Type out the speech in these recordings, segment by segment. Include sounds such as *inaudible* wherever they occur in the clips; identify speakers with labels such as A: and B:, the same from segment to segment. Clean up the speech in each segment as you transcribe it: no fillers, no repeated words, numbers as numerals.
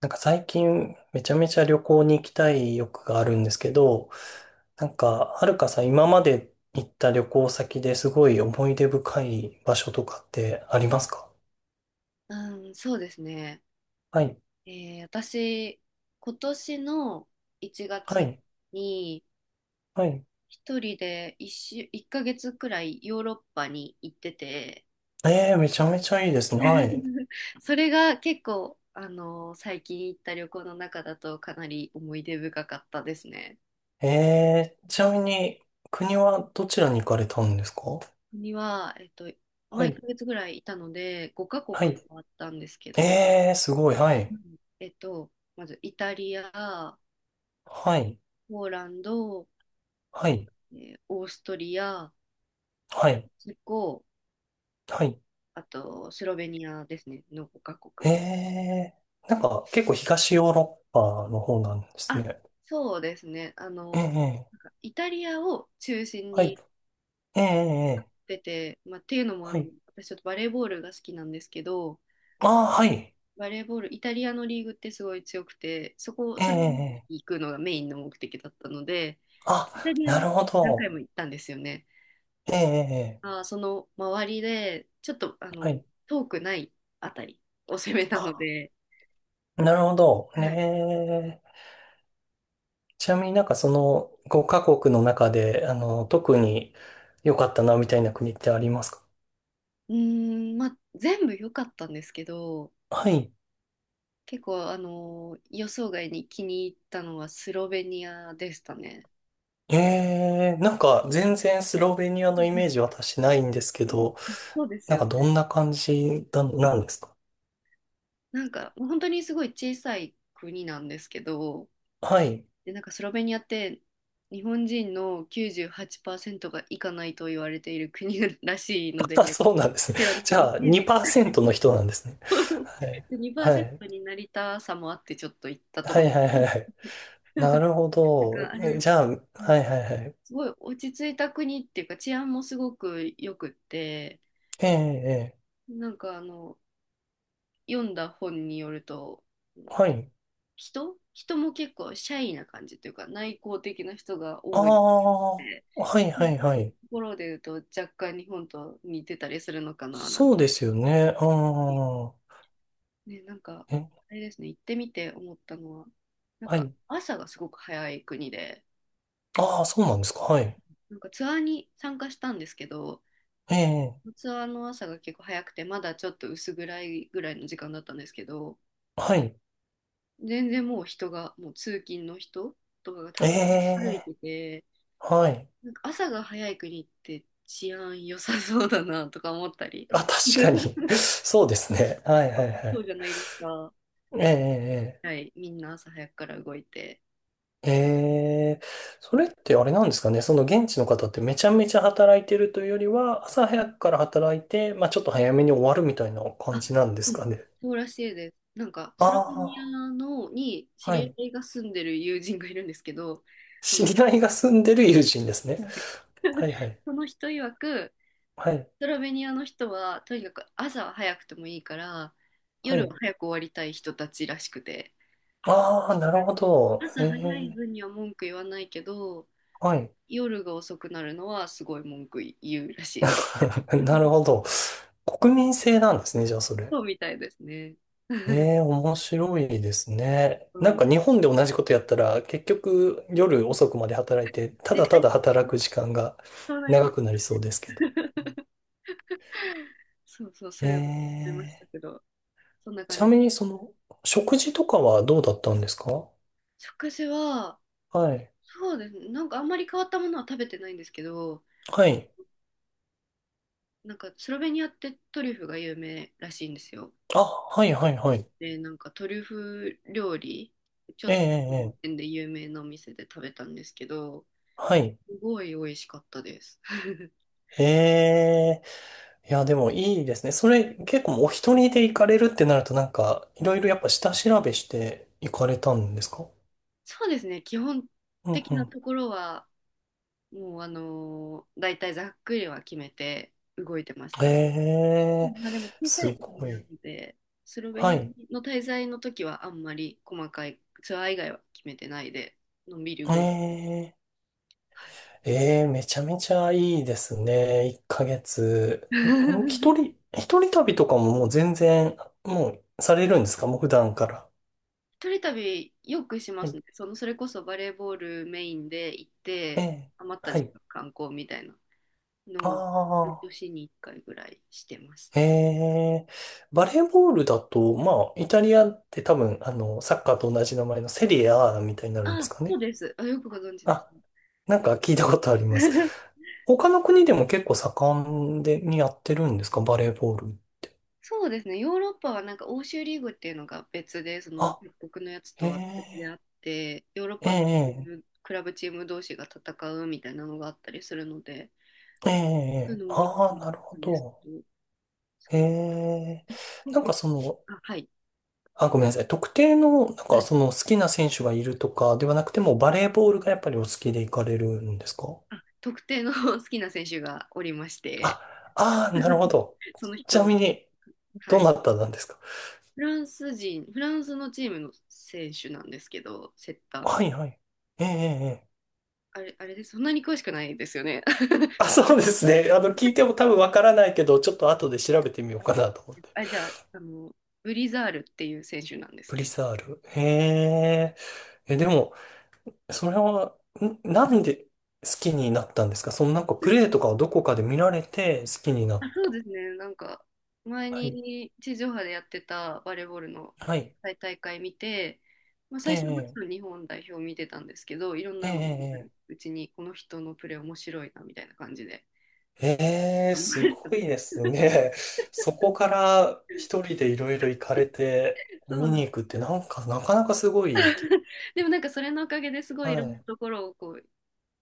A: なんか最近めちゃめちゃ旅行に行きたい欲があるんですけど、なんかはるかさん今まで行った旅行先ですごい思い出深い場所とかってありますか？
B: うん、そうですね。
A: はい、
B: 私、今年の1
A: は
B: 月
A: い、
B: に
A: はい。
B: 一人で1ヶ月くらいヨーロッパに行ってて、
A: めちゃめちゃいいですね。はい。
B: *laughs* それが結構、最近行った旅行の中だとかなり思い出深かったですね。
A: ちなみに国はどちらに行かれたんですか？
B: には、ま
A: は
B: あ1
A: い、
B: ヶ月ぐらいいたので、5カ国
A: はい。
B: もあったんですけど、
A: すごい、は
B: う
A: い。
B: ん、まずイタリア、
A: はい、
B: ポーランド、
A: はい、
B: オーストリア、
A: はい、
B: チェコ、
A: はい。
B: あとスロベニアですね、の5カ国で。
A: えなんか結構東ヨーロッパの方なんです
B: あ、
A: ね。
B: そうですね、
A: ええ、え
B: なん
A: え、
B: かイタリアを中心
A: はい。
B: に行
A: ええ、ええ、
B: ってて、まあ、っていうのも
A: はい。
B: 私ちょっとバレーボールが好きなんですけど、
A: ああ、はい。
B: バレーボール、イタリアのリーグってすごい強くて、
A: え
B: それに
A: え、え
B: 行
A: え、
B: くのがメインの目的だったので、
A: あ、
B: イタリア
A: な
B: に
A: るほ
B: 何回
A: ど。
B: も行ったんですよね。
A: ええ、ええ、
B: あー、その周りで、ちょっと
A: はい。
B: 遠くないあたりを攻めたの
A: あ、
B: で、
A: なるほど。
B: はい。
A: ねえ。ちなみになんかその5カ国の中で、あの、特に良かったなみたいな国ってありますか？
B: うーん、まあ、全部良かったんですけど、
A: はい。
B: 結構、予想外に気に入ったのはスロベニアでしたね。
A: ええ、なんか全然スロベニア
B: う
A: のイメー
B: ん、
A: ジ私ないんですけ
B: うん、
A: ど、
B: そうです
A: なん
B: よ
A: か
B: ね。
A: どんな感じだなんですか？
B: なんか、もう本当にすごい小さい国なんですけど、
A: はい。
B: で、なんかスロベニアって日本人の98%が行かないと言われている国 *laughs* らしいので、こ
A: あ、そうなんですね。
B: ちらなん
A: じ
B: かイ
A: ゃあ、
B: メージがない。
A: 2%の
B: *laughs*
A: 人なんですね。はい。はい。
B: 2%にパーセントになりたさもあってちょっと行ったと
A: は
B: こ
A: い
B: ろ。
A: はいはいはい。
B: *laughs*
A: なるほ
B: なんか
A: ど。
B: あれ
A: え、
B: です。
A: じゃあ、は
B: うん。
A: いはいはい。
B: すごい落ち着いた国っていうか治安もすごく良くって、
A: ええ、ええ。
B: なんか読んだ本によると
A: はい。
B: 人人も結構シャイな感じというか内向的な人が
A: あ
B: 多いっ
A: あ、
B: て、
A: はい
B: う
A: は
B: ん、
A: いは
B: そういうと
A: い。
B: ころで言うと若干日本と似てたりするのかななん
A: そ
B: て、
A: うですよね。ああ、
B: ね、なんか
A: え、
B: あれですね、行ってみて思ったのはなん
A: は
B: か
A: い。
B: 朝がすごく早い国で、
A: ああ、そうなんですか。はい。
B: なんかツアーに参加したんですけど
A: ええ、
B: ツアーの朝が結構早くて、まだちょっと薄暗いぐらいの時間だったんですけど、
A: はい。
B: 全然もう人が、もう通勤の人とかが
A: え
B: たくさん歩い
A: え、
B: てて、
A: はい。
B: なんか朝が早い国って治安良さそうだなとか思ったり、
A: あ、確かに。
B: *laughs*
A: *laughs* そうですね。はいはいは
B: そ
A: い。
B: うじゃないですか。
A: ええ、ええ。ええ、
B: はい、みんな朝早くから動いて。
A: へえ、そ
B: うん。
A: れってあれなんですかね、その現地の方ってめちゃめちゃ働いてるというよりは、朝早くから働いて、まあちょっと早めに終わるみたいな感
B: あ、
A: じなんで
B: う
A: す
B: ん、
A: かね。
B: そうらしいです。なんか、
A: あ
B: スロベニア
A: あ、
B: のに知
A: は
B: り
A: い。
B: 合いが住んでる友人がいるんですけど、あ
A: 知
B: の
A: り合いが住んでる友人ですね。
B: はい、
A: はいは
B: *laughs*
A: い。
B: その人曰く、
A: はい。
B: スロベニアの人はとにかく朝は早くてもいいから
A: は
B: 夜は
A: い。
B: 早く終わりたい人たちらしくて、
A: ああ、な
B: う
A: るほ
B: ん、
A: ど。え
B: 朝早い
A: え、
B: 分には文句言わないけど
A: はい。
B: 夜が遅くなるのはすごい文句言うらしいです。
A: *laughs* なる
B: *laughs*
A: ほど。国民性なんですね、じゃあそれ。
B: そうみたいですね。*laughs*
A: ええ、面白いですね。
B: う
A: なん
B: ん、
A: か日本で同じことやったら、結局夜遅くまで働いて、た
B: 絶
A: だた
B: 対
A: だ働く時間が
B: そうなりま
A: 長
B: す。
A: くなりそうですけど。
B: *laughs* そうそう、そ
A: え
B: れは思いました
A: え、
B: けど、そんな感
A: ちな
B: じで
A: みに
B: す。
A: その、食事とかはどうだったんですか？
B: 食事は、
A: はい。
B: そうですね、なんかあんまり変わったものは食べてないんですけど、
A: はい。
B: なんかスロベニアってトリュフが有名らしいんですよ。
A: あ、はいはいはい。
B: で、なんかトリュフ料理、ちょ
A: え
B: っ
A: え、え
B: とそ
A: え、
B: の
A: ええ、
B: 辺で有名なお店で食べたんですけど、
A: はい。
B: すごい美味しかったです。*laughs*
A: ええ、いや、でもいいですね。それ結構お一人で行かれるってなると、なんか、
B: う
A: い
B: ん、
A: ろいろやっぱ下調べして行かれたんですか？
B: そうですね、基本
A: うん
B: 的
A: う
B: な
A: ん、
B: ところは、もう大体ざっくりは決めて動いてまし
A: え
B: たね。う
A: え、
B: ん、まあでも小さ
A: す
B: い国
A: ご
B: なの
A: い。
B: で、スロベ
A: は
B: ニ
A: い。
B: アの滞在の時はあんまり細かいツアー以外は決めてないで、のんびり
A: え
B: 動いてる。
A: え、
B: はい。
A: ええ、めちゃめちゃいいですね。1ヶ月。ん、一
B: *laughs*
A: 人、一人旅とかももう全然、もうされるんですか、もう普段から。
B: 一人旅よくしま
A: は
B: す
A: い。
B: ね。その、それこそバレーボールメインで行っ
A: え
B: て、
A: え、
B: 余った
A: は
B: 時
A: い。
B: 間観光みたいなの
A: あ
B: を、年に1回ぐらいしてます
A: あ、え
B: ね。
A: え、バレーボールだと、まあ、イタリアって多分、あの、サッカーと同じ名前のセリエ A みたいになるんです
B: あ、
A: か
B: そう
A: ね。
B: です。あ、よくご存知です
A: あ、
B: ね。
A: なんか聞いたことあります。
B: *laughs*
A: 他の国でも結構盛んで、にやってるんですかバレーボール。
B: そうですね。ヨーロッパはなんか欧州リーグっていうのが別で、その
A: あ、
B: 各国のやつ
A: へ
B: とは別であ
A: え、
B: って、ヨーロッ
A: え
B: パの
A: え、
B: クラブチーム同士が戦うみたいなのがあったりするので、
A: ええ、え
B: そういう
A: え、
B: のも見て
A: ああ、なるほ
B: るんです
A: ど。
B: けど、そ
A: へ
B: う。
A: え、なんかその、
B: あ、はい。
A: あ、ごめんなさい。特定の、なんかその好きな選手がいるとかではなくても、バレーボールがやっぱりお好きで行かれるんですか？
B: あ、特定の *laughs* 好きな選手がおりまして、
A: あ、ああ、なるほ
B: *laughs*
A: ど。
B: その
A: ちな
B: 人、
A: みに、
B: は
A: ど
B: い、
A: なたなんですか？
B: フランス人、フランスのチームの選手なんですけど、セッター
A: は
B: の。
A: いはい。ええ、ええ。ええ、
B: あれです、そんなに詳しくないですよね。*laughs*
A: あ、そうですね。あの、聞いても多分わからないけど、ちょっと後で調べてみようかなと思って。
B: あれじゃあ、ブリザールっていう選手なんです
A: プリ
B: けど。
A: サール。へえ。え、でも、それは、ん、なんで好きになったんですか、そのなんかプレイとかをどこかで見られて好きにな
B: あ、
A: っ
B: そう
A: た。
B: ですね、なんか、前
A: はい。
B: に地上波でやってたバレーボールの
A: はい。
B: 大会見て、まあ、
A: え
B: 最初はもち
A: え、
B: ろん日本代表見てたんですけど、いろん
A: ええ、
B: なの見
A: え
B: る
A: え。
B: うちに、この人のプレー面白いなみたいな感じで。
A: ええ、
B: ありま
A: す
B: した
A: ごい
B: ね。
A: ですね。そこから一人でいろいろ行かれて
B: *laughs* そう
A: 見
B: な
A: に
B: ん
A: 行くってなんかなかなかすごい。
B: でもなんかそれのおかげですごいい
A: は
B: ろんな
A: い。
B: ところをこう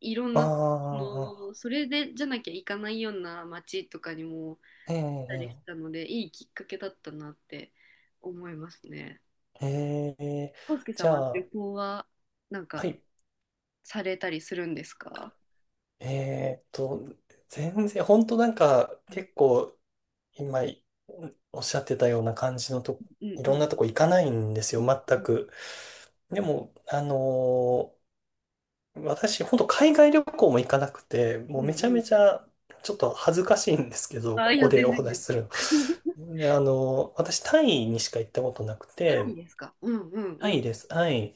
B: いろん
A: あ
B: なの
A: あ、
B: それでじゃなきゃ行かないような街とかにも行っ
A: え
B: たりし
A: え、
B: たのでいいきっかけだったなって思いますね。
A: ええ。ええ、
B: 康介さ
A: じ
B: ん
A: ゃ
B: は
A: あ、
B: 旅行はなん
A: は
B: か
A: い。
B: されたりするんですか？
A: えーっと、全然、本当なんか、
B: うん、
A: 結構、今、おっしゃってたような感じのと、
B: う
A: いろん
B: ん、
A: なとこ行かないんですよ、全く。でも、私、本当海外旅行も行かなくて、も
B: う
A: う
B: ん、
A: めちゃ
B: う
A: め
B: ん。
A: ちゃ、ちょっと恥ずかしいんですけど、
B: あ、
A: こ
B: い
A: こ
B: や、
A: で *laughs*
B: 全
A: お
B: 然全
A: 話しす
B: 然。
A: るの。で、私、タイにしか行ったことなく
B: タイ
A: て、
B: ですか？うん、うん、
A: タ
B: う
A: イ
B: ん、
A: です。はい。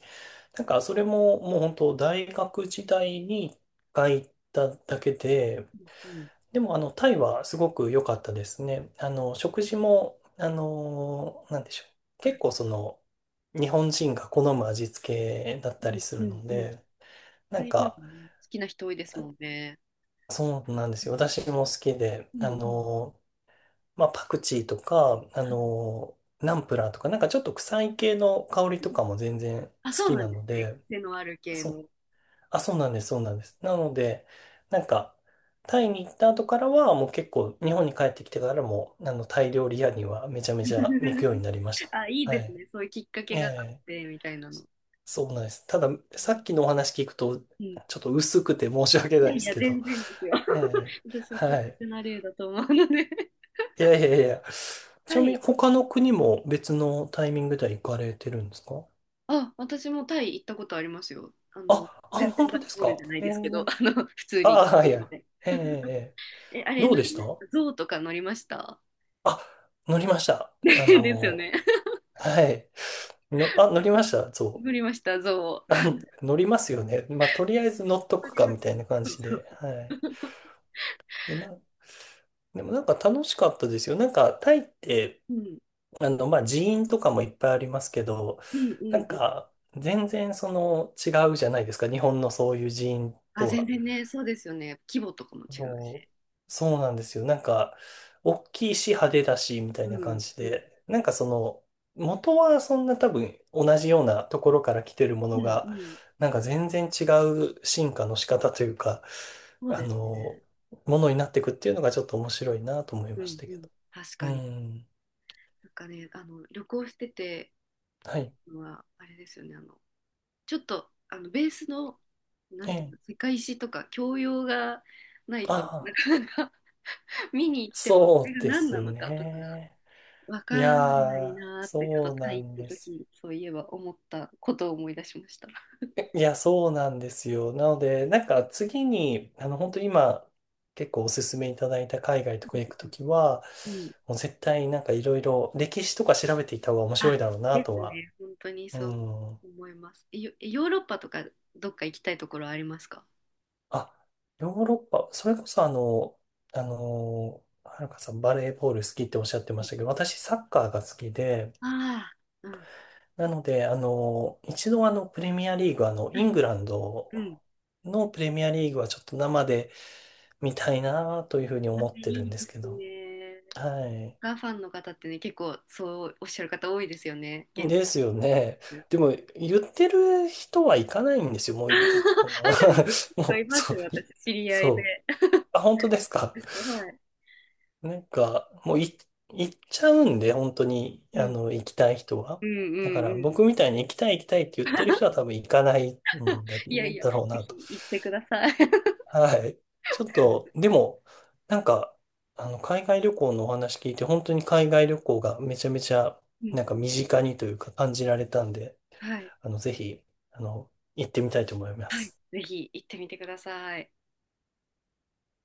A: なんか、それも、もう本当、大学時代に一回行っただけで、
B: うん、うん。
A: でも、あの、タイはすごく良かったですね。あの、食事も、あの、なんでしょう。
B: は
A: 結
B: い、
A: 構その、日本人が好む味付けだった
B: う
A: り
B: ん、
A: す
B: う
A: る
B: ん、
A: の
B: うん。
A: で、な
B: タ
A: ん
B: イ料理
A: か、
B: ね、好きな人多いですもんね。
A: そうなんですよ。私も好きで、
B: うん、
A: あ
B: うん、
A: の、まあ、パクチーとか、あの、ナンプラーとか、なんかちょっと臭い系の香りとかも全然好
B: あ、そう
A: き
B: なん
A: な
B: です
A: の
B: ね。
A: で、
B: 癖のある系
A: そ、
B: の。
A: あ、そうなんです、そうなんです。なので、なんか、タイに行った後からは、もう結構、日本に帰ってきてからも、あの、タイ料理屋にはめちゃめちゃ行くように
B: *laughs*
A: なりました。
B: あ、いい
A: は
B: です
A: い。
B: ね。そういうきっかけ
A: え
B: があっ
A: え、
B: て、みたいなの。
A: そうなんです。ただ、
B: う
A: さ
B: ん、
A: っきのお話聞くと、
B: うん。い
A: ちょっと薄くて申し訳ない
B: や
A: で
B: い
A: す
B: や、
A: け
B: 全
A: ど、
B: 然ですよ。
A: ええ、
B: *laughs* 私は特
A: はい。
B: 別な例だと思うので。
A: いやいやいや。ち
B: は
A: なみ
B: い。
A: に、他の国も別のタイミングでは行かれてるんですか？
B: あ、私もタイ行ったことありますよ。
A: あ、あ、
B: 全
A: 本
B: 然バ
A: 当
B: レ
A: です
B: ボー
A: か？
B: ルじゃない
A: え
B: で
A: え、
B: すけど、普通
A: あ
B: に。
A: あ、はいはい。ええ、ええ、
B: え、あれ
A: どう
B: 乗
A: で
B: り
A: し
B: ま
A: た？
B: した？象とか乗りました？
A: あ、乗りました。
B: *laughs*
A: あ
B: ですよ
A: の、
B: ね。
A: はい。の、あ、乗りました。そ
B: 乗りました、象。
A: う。あ、乗りますよね。まあ、とりあえず乗っと
B: 乗
A: く
B: り
A: か、
B: ま
A: み
B: し
A: た
B: た
A: い
B: ね。
A: な感
B: そう
A: じで。はい。
B: そうそう。
A: で、な、でもなんか楽しかったですよ。なんか、タイって、
B: うん。
A: あの、まあ、寺院とかもいっぱいありますけど、
B: うん、う
A: な
B: ん、
A: ん
B: うん。
A: か、全然その、違うじゃないですか。日本のそういう寺院
B: あ、
A: と
B: 全
A: は。
B: 然ね、そうですよね。規模とかも違う
A: そう、
B: し。
A: そうなんですよ。なんか、大きいし派手だし、みたい
B: う
A: な感
B: ん、
A: じ
B: うん、
A: で。なんかその、元はそんな多分同じようなところから来てるも
B: う
A: の
B: ん、う
A: が、
B: ん、
A: なんか全然違う進化の仕方というか、
B: そう
A: あ
B: です
A: の、
B: ね。
A: ものになっていくっていうのがちょっと面白いなと思い
B: う
A: まし
B: ん、
A: た
B: う
A: け
B: ん、
A: ど。
B: 確
A: う
B: かに。
A: ん。
B: なんかね、旅行してて
A: はい。
B: のはあれですよね。ちょっとベースの、な
A: え
B: んていう
A: え。
B: の、世界史とか教養がない
A: あ
B: とな
A: あ、
B: かなか *laughs* 見に行ってもこれ
A: そう
B: が
A: で
B: 何な
A: す
B: のかとかが
A: ね。
B: わか
A: い
B: らな
A: や
B: い
A: ー、
B: なーって、ちょっ
A: そ
B: と
A: う
B: タ
A: な
B: イ
A: ん
B: 行っ
A: で
B: た
A: す。
B: 時そういえば思ったことを思い出しました。
A: いや、そうなんですよ。なので、なんか次に、あの、本当今、結構おすすめいただいた海外とか行く
B: う
A: と
B: ん、
A: きは、
B: うん、
A: もう絶対なんかいろいろ歴史とか調べていた方が面白い
B: あ、
A: だろうな
B: で
A: と
B: す
A: は。
B: ね。本当に
A: う
B: そう
A: ん。
B: 思います。ヨーロッパとかどっか行きたいところありますか？
A: あ、ヨーロッパ、それこそあの、あの、はるかさんバレーボール好きっておっしゃってましたけど、私サッカーが好きで、
B: ああ、うん。
A: なので、あの、一度あの、プレミアリーグ、あの、イ
B: はい。
A: ングランド
B: うん。
A: のプレミアリーグはちょっと生で、みたいなというふうに
B: あ、
A: 思ってる
B: い
A: ん
B: い
A: です
B: で
A: け
B: す
A: ど。
B: ね。
A: は
B: サッ
A: い。
B: カーファンの方ってね、結構そうおっしゃる方多いですよね。現地。
A: ですよね。でも、
B: *laughs*
A: 言ってる人は行かないんですよ。もうい、あの、
B: あ、でも、
A: *laughs*
B: 結構
A: も
B: い
A: う、
B: ます
A: そう、
B: よ、
A: い、
B: 私、知り合いで。
A: そう。あ、本当ですか。
B: *laughs* はい。
A: なんか、もうい、行っちゃうんで、本当に、
B: う
A: あ
B: ん。
A: の、行きたい人は。
B: うん、う
A: だから、
B: ん、うん。
A: 僕みたいに行きたい行きたいって言ってる人は
B: *laughs*
A: 多分行かないんだ、
B: いやいや、
A: だろう
B: ぜ
A: なと。
B: ひ行ってください。*laughs*
A: はい。ちょっと、でも、なんか、あの、海外旅行のお話聞いて、本当に海外旅行がめちゃめちゃ、
B: うん。
A: なんか身近にというか感じられたんで、
B: はい。
A: あの、ぜひ、あの、行ってみたいと思いま
B: はい。
A: す。
B: ぜひ行ってみてください。